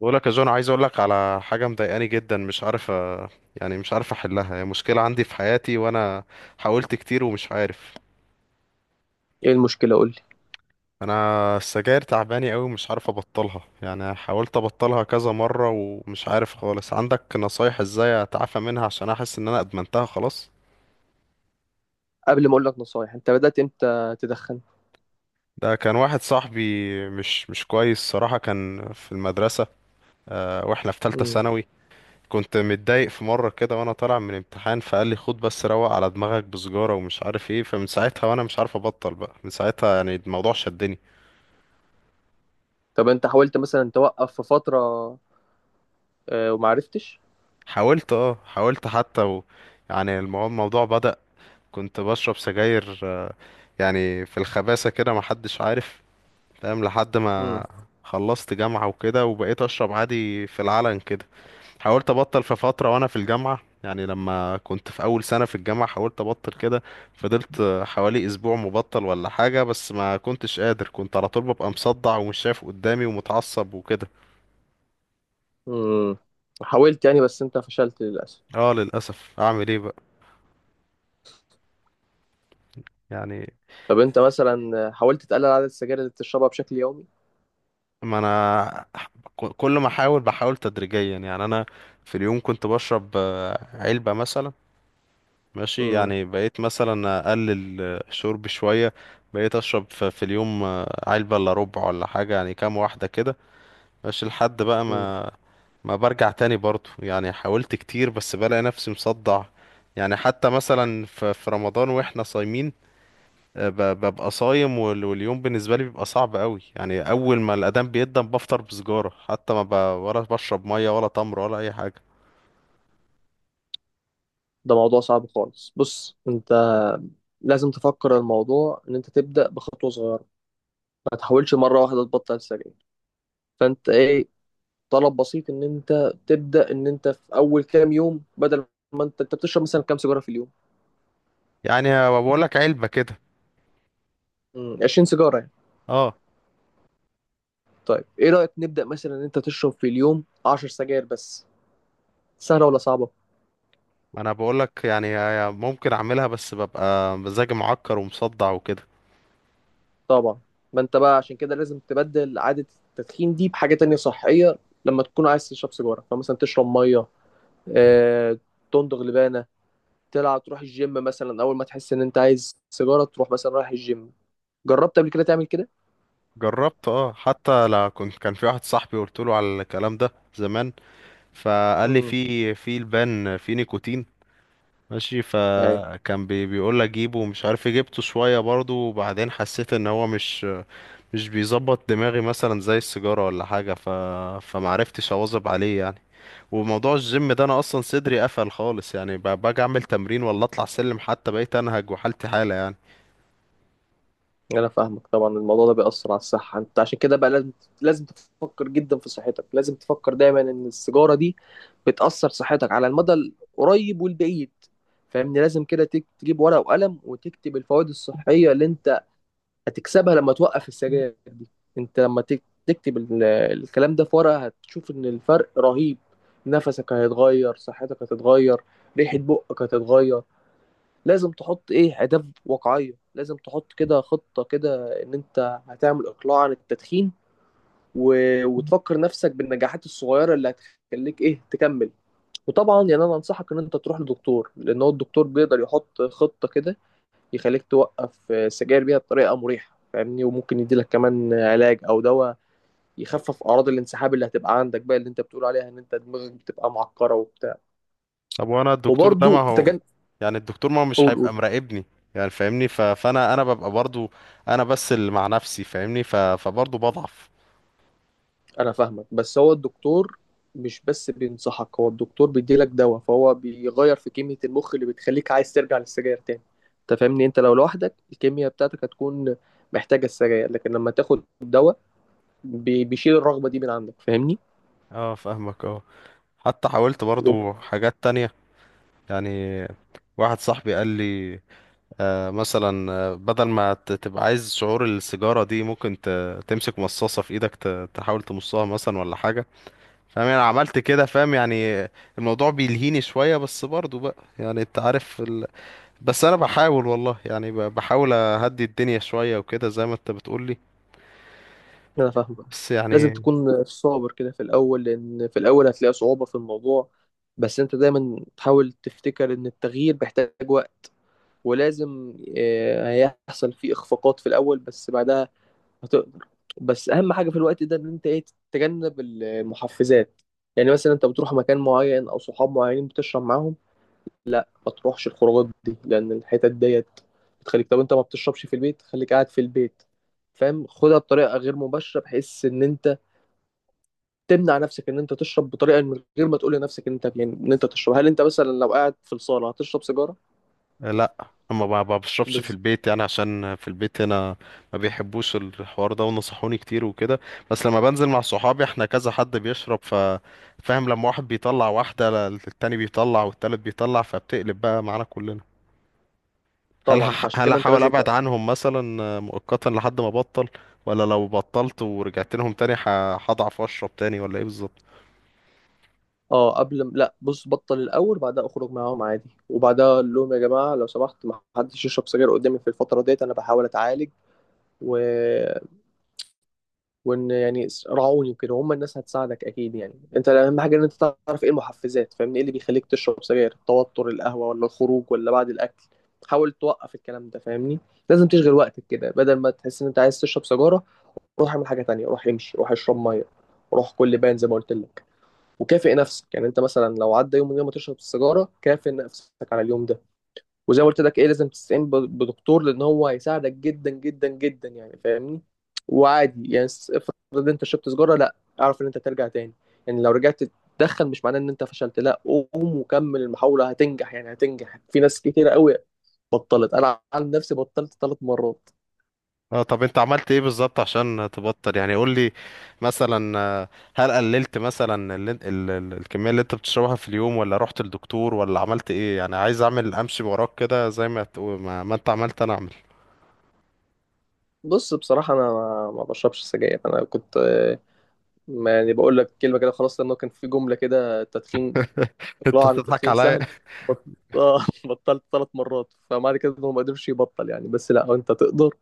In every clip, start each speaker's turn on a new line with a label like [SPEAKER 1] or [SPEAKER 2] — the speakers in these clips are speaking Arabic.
[SPEAKER 1] بقولك يا جون عايز اقولك على حاجة مضايقاني جدا، مش عارف مش عارف احلها. هي مشكلة عندي في حياتي وانا حاولت كتير ومش عارف.
[SPEAKER 2] ايه المشكلة؟ قول لي.
[SPEAKER 1] انا السجاير تعباني قوي ومش عارف ابطلها، حاولت ابطلها كذا مرة ومش عارف خالص. عندك نصايح ازاي اتعافى منها عشان احس ان انا ادمنتها خلاص؟
[SPEAKER 2] قبل ما اقول لك نصايح، انت بدأت امتى تدخن؟
[SPEAKER 1] ده كان واحد صاحبي مش كويس صراحة، كان في المدرسة. أه، واحنا في ثالثة
[SPEAKER 2] امم
[SPEAKER 1] ثانوي. كنت متضايق في مرة كده وانا طالع من امتحان فقال لي خد بس روق على دماغك بسجارة ومش عارف ايه، فمن ساعتها وانا مش عارف ابطل. بقى من ساعتها الموضوع شدني.
[SPEAKER 2] طب انت حاولت مثلا توقف في فترة؟ وما عرفتش.
[SPEAKER 1] حاولت، اه حاولت حتى الموضوع بدأ. كنت بشرب سجاير، آه، في الخباثة كده محدش عارف، فاهم؟ لحد
[SPEAKER 2] امم
[SPEAKER 1] ما خلصت جامعة وكده وبقيت اشرب عادي في العلن كده. حاولت ابطل في فتره وانا في الجامعه، يعني لما كنت في اول سنه في الجامعه حاولت ابطل كده. فضلت حوالي اسبوع مبطل ولا حاجه، بس ما كنتش قادر، كنت على طول ببقى مصدع ومش شايف قدامي ومتعصب وكده.
[SPEAKER 2] امم حاولت يعني، بس انت فشلت للأسف.
[SPEAKER 1] اه للاسف، اعمل ايه بقى؟ يعني.
[SPEAKER 2] طب انت مثلا حاولت تقلل عدد السجاير اللي بتشربها بشكل يومي؟
[SPEAKER 1] ما انا كل ما احاول بحاول تدريجيا. يعني انا في اليوم كنت بشرب، آه، علبه مثلا. ماشي،
[SPEAKER 2] امم
[SPEAKER 1] يعني بقيت مثلا اقلل، آه، شرب شويه. بقيت اشرب في اليوم، آه، علبه الا ربع ولا حاجه، يعني كام واحده كده. مش لحد بقى
[SPEAKER 2] امم
[SPEAKER 1] ما، ما برجع تاني برضو. يعني حاولت كتير بس بلاقي نفسي مصدع. يعني حتى مثلا في رمضان واحنا صايمين، آه، ببقى صايم واليوم بالنسبة لي بيبقى صعب قوي. يعني اول ما الاذان بيقدم بفطر بسجارة، حتى ما ولا بشرب مية ولا تمر ولا اي حاجة.
[SPEAKER 2] ده موضوع صعب خالص. بص انت لازم تفكر الموضوع ان انت تبدأ بخطوة صغيرة. ما تحاولش مرة واحدة تبطل السجاير. فانت ايه، طلب بسيط ان انت تبدأ، ان انت في اول كام يوم، بدل ما انت بتشرب مثلا كام سيجارة في اليوم؟
[SPEAKER 1] يعني بقول لك علبة كده.
[SPEAKER 2] 20 سيجاره يعني.
[SPEAKER 1] اه.
[SPEAKER 2] طيب، ايه رايك نبدا مثلا ان انت تشرب في اليوم 10 سجاير بس؟ سهله ولا صعبه؟
[SPEAKER 1] انا بقول لك يعني ممكن اعملها بس ببقى مزاجي معكر ومصدع وكده.
[SPEAKER 2] طبعا. ما انت بقى عشان كده لازم تبدل عاده التدخين دي بحاجه تانية صحيه. لما تكون عايز تشرب سيجاره فمثلا تشرب ميه، آه، تندغ لبانه، تلعب، تروح الجيم مثلا. اول ما تحس ان انت عايز سيجاره تروح مثلا رايح الجيم. جربت قبل كده تعمل كده؟
[SPEAKER 1] جربت، اه حتى لا، كنت كان في واحد صاحبي قلت له على الكلام ده زمان، فقال لي
[SPEAKER 2] امم
[SPEAKER 1] في البان في نيكوتين. ماشي، فكان بيقول لي جيبه ومش عارف إيه، جبته شويه برضه، وبعدين حسيت ان هو مش بيظبط دماغي مثلا زي السيجاره ولا حاجه، فمعرفتش اواظب عليه يعني. وموضوع الجيم ده، انا اصلا صدري قفل خالص، يعني باجي اعمل تمرين ولا اطلع سلم حتى، بقيت انهج وحالتي حاله يعني.
[SPEAKER 2] يعني انا فاهمك طبعا. الموضوع ده بيأثر على الصحة. انت عشان كده بقى لازم، لازم تفكر جدا في صحتك. لازم تفكر دايما ان السيجارة دي بتأثر صحتك على المدى القريب والبعيد. فاهمني؟ لازم كده تجيب ورقة وقلم وتكتب الفوائد الصحية اللي انت هتكسبها لما توقف السجاير دي. انت لما تكتب الكلام ده في ورقة، هتشوف ان الفرق رهيب. نفسك هيتغير، صحتك هتتغير، ريحة بقك هتتغير. لازم تحط ايه اهداف واقعيه. لازم تحط كده خطه كده ان انت هتعمل اقلاع عن التدخين. و... وتفكر نفسك بالنجاحات الصغيره اللي هتخليك ايه تكمل. وطبعا يعني انا انصحك ان انت تروح لدكتور، لان هو الدكتور بيقدر يحط خطه كده يخليك توقف السجاير بيها بطريقه مريحه، فاهمني؟ وممكن يديلك كمان علاج او دواء يخفف اعراض الانسحاب اللي هتبقى عندك بقى، اللي انت بتقول عليها ان انت دماغك بتبقى معكره وبتاع.
[SPEAKER 1] طب وانا الدكتور ده ما
[SPEAKER 2] وبرضه
[SPEAKER 1] هو،
[SPEAKER 2] تجنب.
[SPEAKER 1] يعني الدكتور ما هو مش
[SPEAKER 2] قول،
[SPEAKER 1] هيبقى
[SPEAKER 2] قول.
[SPEAKER 1] مراقبني؟ يعني فاهمني، فانا ببقى برضو انا بس اللي مع نفسي، فاهمني؟ فبرضو بضعف.
[SPEAKER 2] انا فاهمك. بس هو الدكتور مش بس بينصحك، هو الدكتور بيديلك دواء، فهو بيغير في كمية المخ اللي بتخليك عايز ترجع للسجاير تاني. انت فاهمني؟ انت لو لوحدك الكيمياء بتاعتك هتكون محتاجة السجاير، لكن لما تاخد دواء بيشيل الرغبة دي من عندك، فاهمني؟
[SPEAKER 1] اه فاهمك، اه. حتى حاولت
[SPEAKER 2] وب-
[SPEAKER 1] برضو حاجات تانية. يعني واحد صاحبي قال لي، آه مثلا، آه، بدل ما تبقى عايز شعور السيجارة دي، ممكن تمسك مصاصة في ايدك، تحاول تمصها مثلا ولا حاجة. فاهم؟ انا عملت كده، فاهم يعني. الموضوع بيلهيني شوية، بس برضو بقى يعني انت عارف بس انا بحاول والله، يعني بحاول اهدي الدنيا شوية وكده زي ما انت بتقولي.
[SPEAKER 2] انا فاهمك.
[SPEAKER 1] بس
[SPEAKER 2] لازم
[SPEAKER 1] يعني.
[SPEAKER 2] تكون صابر كده في الاول، لان في الاول هتلاقي صعوبة في الموضوع. بس انت دايما تحاول تفتكر ان التغيير بيحتاج وقت، ولازم هيحصل فيه اخفاقات في الاول، بس بعدها هتقدر. بس اهم حاجه في الوقت ده ان انت ايه، تتجنب المحفزات. يعني مثلا انت بتروح مكان معين او صحاب معينين بتشرب معاهم، ما تروحش الخروجات دي، لان الحتت ديت بتخليك. طب انت ما بتشربش في البيت، خليك قاعد في البيت. فاهم؟ خدها بطريقه غير مباشره بحيث ان انت تمنع نفسك ان انت تشرب بطريقه، من غير ما تقول لنفسك ان انت يعني ان انت تشرب. هل انت مثلا لو قاعد في الصاله هتشرب سيجاره؟
[SPEAKER 1] لا، ما بشربش في
[SPEAKER 2] بالظبط.
[SPEAKER 1] البيت، يعني عشان في البيت هنا ما بيحبوش الحوار ده، ونصحوني كتير وكده. بس لما بنزل مع صحابي احنا كذا حد بيشرب، فاهم، لما واحد بيطلع واحدة، التاني بيطلع، والتالت بيطلع، فبتقلب بقى معانا كلنا. هل
[SPEAKER 2] طبعا، فعشان
[SPEAKER 1] هل
[SPEAKER 2] كده انت
[SPEAKER 1] احاول
[SPEAKER 2] لازم.
[SPEAKER 1] ابعد عنهم مثلا مؤقتا لحد ما ابطل، ولا لو بطلت ورجعت لهم تاني هضعف واشرب تاني، ولا ايه بالظبط؟
[SPEAKER 2] اه، لا، بص، بطل الاول، بعدها اخرج معاهم عادي، وبعدها اقول لهم يا جماعه لو سمحت ما حدش يشرب سجاير قدامي في الفتره ديت، انا بحاول اتعالج. و... وان يعني راعوني وكده، هم الناس هتساعدك اكيد يعني. انت اهم حاجه ان انت تعرف ايه المحفزات، فاهمني؟ ايه اللي بيخليك تشرب سجاير؟ التوتر، القهوه، ولا الخروج، ولا بعد الاكل؟ حاول توقف الكلام ده، فاهمني؟ لازم تشغل وقتك كده بدل ما تحس ان انت عايز تشرب سجاره. روح اعمل حاجه تانية، روح امشي، روح اشرب ميه، روح كل بان زي ما قلت لك. وكافئ نفسك. يعني انت مثلا لو عدى يوم من غير ما تشرب السيجاره، كافئ نفسك على اليوم ده. وزي ما قلت لك ايه، لازم تستعين بدكتور، لان هو هيساعدك جدا جدا جدا يعني، فاهمني؟ وعادي يعني افرض انت شربت سيجاره، لا، اعرف ان انت ترجع تاني. يعني لو رجعت تدخن مش معناه ان انت فشلت، لا. قوم وكمل المحاوله، هتنجح يعني، هتنجح. في ناس كتير قوي بطلت. انا عن نفسي بطلت ثلاث مرات.
[SPEAKER 1] اه طب انت عملت ايه بالظبط عشان تبطل؟ يعني قول لي، مثلا، آه، هل قللت مثلا ال الكمية اللي انت بتشربها في اليوم، ولا رحت للدكتور، ولا عملت ايه؟ يعني عايز اعمل امشي وراك كده زي ما تقول، ما انت عملت انا اعمل.
[SPEAKER 2] بص، بصراحه انا ما بشربش سجاير. انا كنت ما يعني بقول لك كلمه كده خلاص، لانه كان في جمله كده تدخين.
[SPEAKER 1] انت
[SPEAKER 2] اقلاعه عن
[SPEAKER 1] تضحك
[SPEAKER 2] التدخين
[SPEAKER 1] عليا.
[SPEAKER 2] سهل. بط... آه، بطلت ثلاث مرات، فمعنى كده انه ما قدرش يبطل يعني، بس لا، انت تقدر.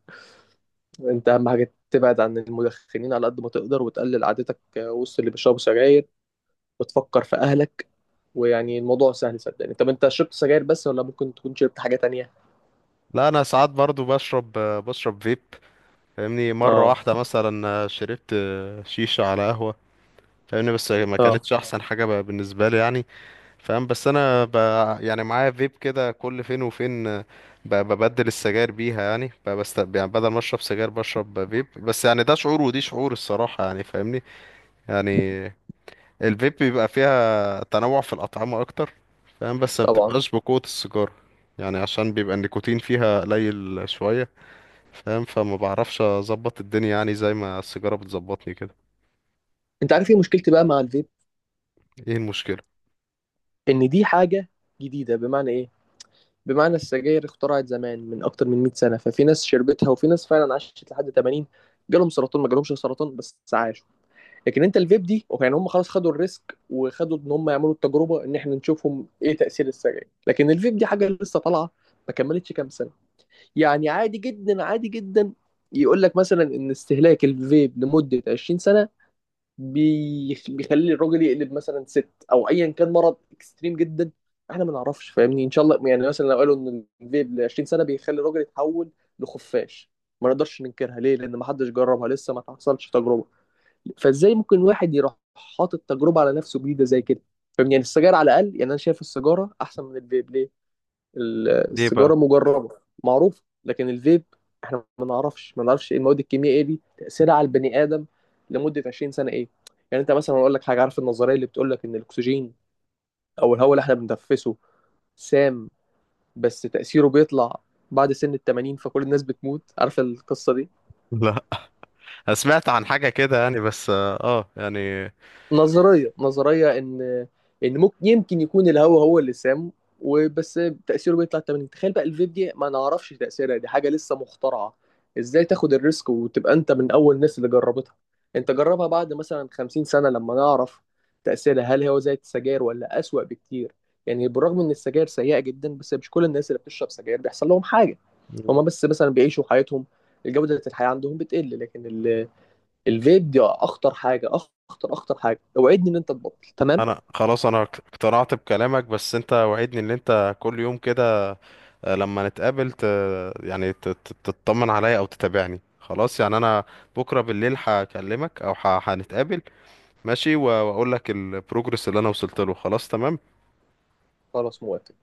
[SPEAKER 2] انت اهم حاجه تبعد عن المدخنين على قد ما تقدر، وتقلل عادتك وسط اللي بيشربوا سجاير، وتفكر في اهلك. ويعني الموضوع سهل، صدقني. طب انت شربت سجاير بس، ولا ممكن تكون شربت حاجه تانية؟
[SPEAKER 1] لا انا ساعات برضو بشرب، آه، بشرب فيب. فاهمني؟ مرة
[SPEAKER 2] اه.
[SPEAKER 1] واحدة مثلا، آه، شربت، آه، شيشة على قهوة. فاهمني؟ بس ما
[SPEAKER 2] اه.
[SPEAKER 1] كانتش احسن حاجة بالنسبة لي يعني. فاهم؟ بس انا يعني معايا فيب كده كل فين وفين، آه، ببدل السجاير بيها، يعني يعني بدل ما اشرب سجاير بشرب فيب. بس يعني ده شعور ودي شعور الصراحة، يعني فاهمني؟ يعني الفيب بيبقى فيها تنوع في الأطعمة اكتر، فاهم؟ بس ما
[SPEAKER 2] طبعا.
[SPEAKER 1] بتبقاش بقوة السيجارة، يعني عشان بيبقى النيكوتين فيها قليل شوية، فاهم؟ فما بعرفش اظبط الدنيا يعني زي ما السيجارة بتظبطني كده.
[SPEAKER 2] انت عارف ايه مشكلتي بقى مع الفيب؟
[SPEAKER 1] ايه المشكلة؟
[SPEAKER 2] ان دي حاجه جديده. بمعنى ايه؟ بمعنى السجاير اخترعت زمان من اكتر من 100 سنه، ففي ناس شربتها وفي ناس فعلا عاشت لحد 80. جالهم سرطان، ما جالهمش سرطان، بس عاشوا. لكن انت الفيب دي يعني، هم خلاص خدوا الريسك وخدوا ان هم يعملوا التجربه ان احنا نشوفهم ايه تاثير السجاير. لكن الفيب دي حاجه لسه طالعه، ما كملتش كام سنه. يعني عادي جدا عادي جدا يقول لك مثلا ان استهلاك الفيب لمده 20 سنه بيخلي الراجل يقلب مثلا ست، او ايا كان مرض اكستريم جدا. احنا ما نعرفش، فاهمني؟ ان شاء الله يعني، مثلا لو قالوا ان الفيب ل 20 سنه بيخلي الراجل يتحول لخفاش، ما نقدرش ننكرها. ليه؟ لان ما حدش جربها لسه، ما تحصلش تجربه. فازاي ممكن واحد يروح حاطط تجربه على نفسه جديده زي كده؟ فاهمني يعني. السجاير على الاقل، يعني انا شايف السيجاره احسن من الفيب. ليه؟
[SPEAKER 1] ليه بقى؟
[SPEAKER 2] السيجاره مجربه، معروفه. لكن الفيب احنا ما نعرفش ايه المواد الكيميائيه دي تاثيرها على البني ادم لمده 20 سنه ايه. يعني انت مثلا اقول لك حاجه. عارف النظريه اللي بتقول لك ان الاكسجين او الهواء اللي احنا بنتنفسه سام، بس تاثيره بيطلع بعد سن ال 80 فكل الناس بتموت؟ عارف القصه دي؟
[SPEAKER 1] لا، أنا سمعت عن حاجة كده يعني، بس اه، آه، يعني.
[SPEAKER 2] نظرية إن ممكن يمكن يكون الهوا هو اللي سام وبس، تأثيره بيطلع 80. تخيل بقى الفيب دي ما نعرفش تأثيرها، دي حاجة لسه مخترعة. إزاي تاخد الريسك وتبقى أنت من أول الناس اللي جربتها؟ أنت جربها بعد مثلا 50 سنة لما نعرف تأثيرها، هل هو زي السجاير ولا أسوأ بكتير؟ يعني بالرغم إن السجاير سيئة جدا، بس مش كل الناس اللي بتشرب سجاير بيحصل لهم حاجة. هما بس مثلا بيعيشوا حياتهم، الجودة الحياة عندهم بتقل. لكن الفيب دي اخطر حاجه، اخطر اخطر حاجه. اوعدني ان انت تبطل، تمام؟
[SPEAKER 1] انا خلاص انا اقتنعت بكلامك، بس انت وعدني ان انت كل يوم كده، آه، لما نتقابل يعني تطمن عليا او تتابعني. خلاص؟ يعني انا بكره بالليل هكلمك او هنتقابل، ماشي، واقول لك البروجرس اللي انا وصلت له. خلاص تمام.
[SPEAKER 2] خلاص موافق.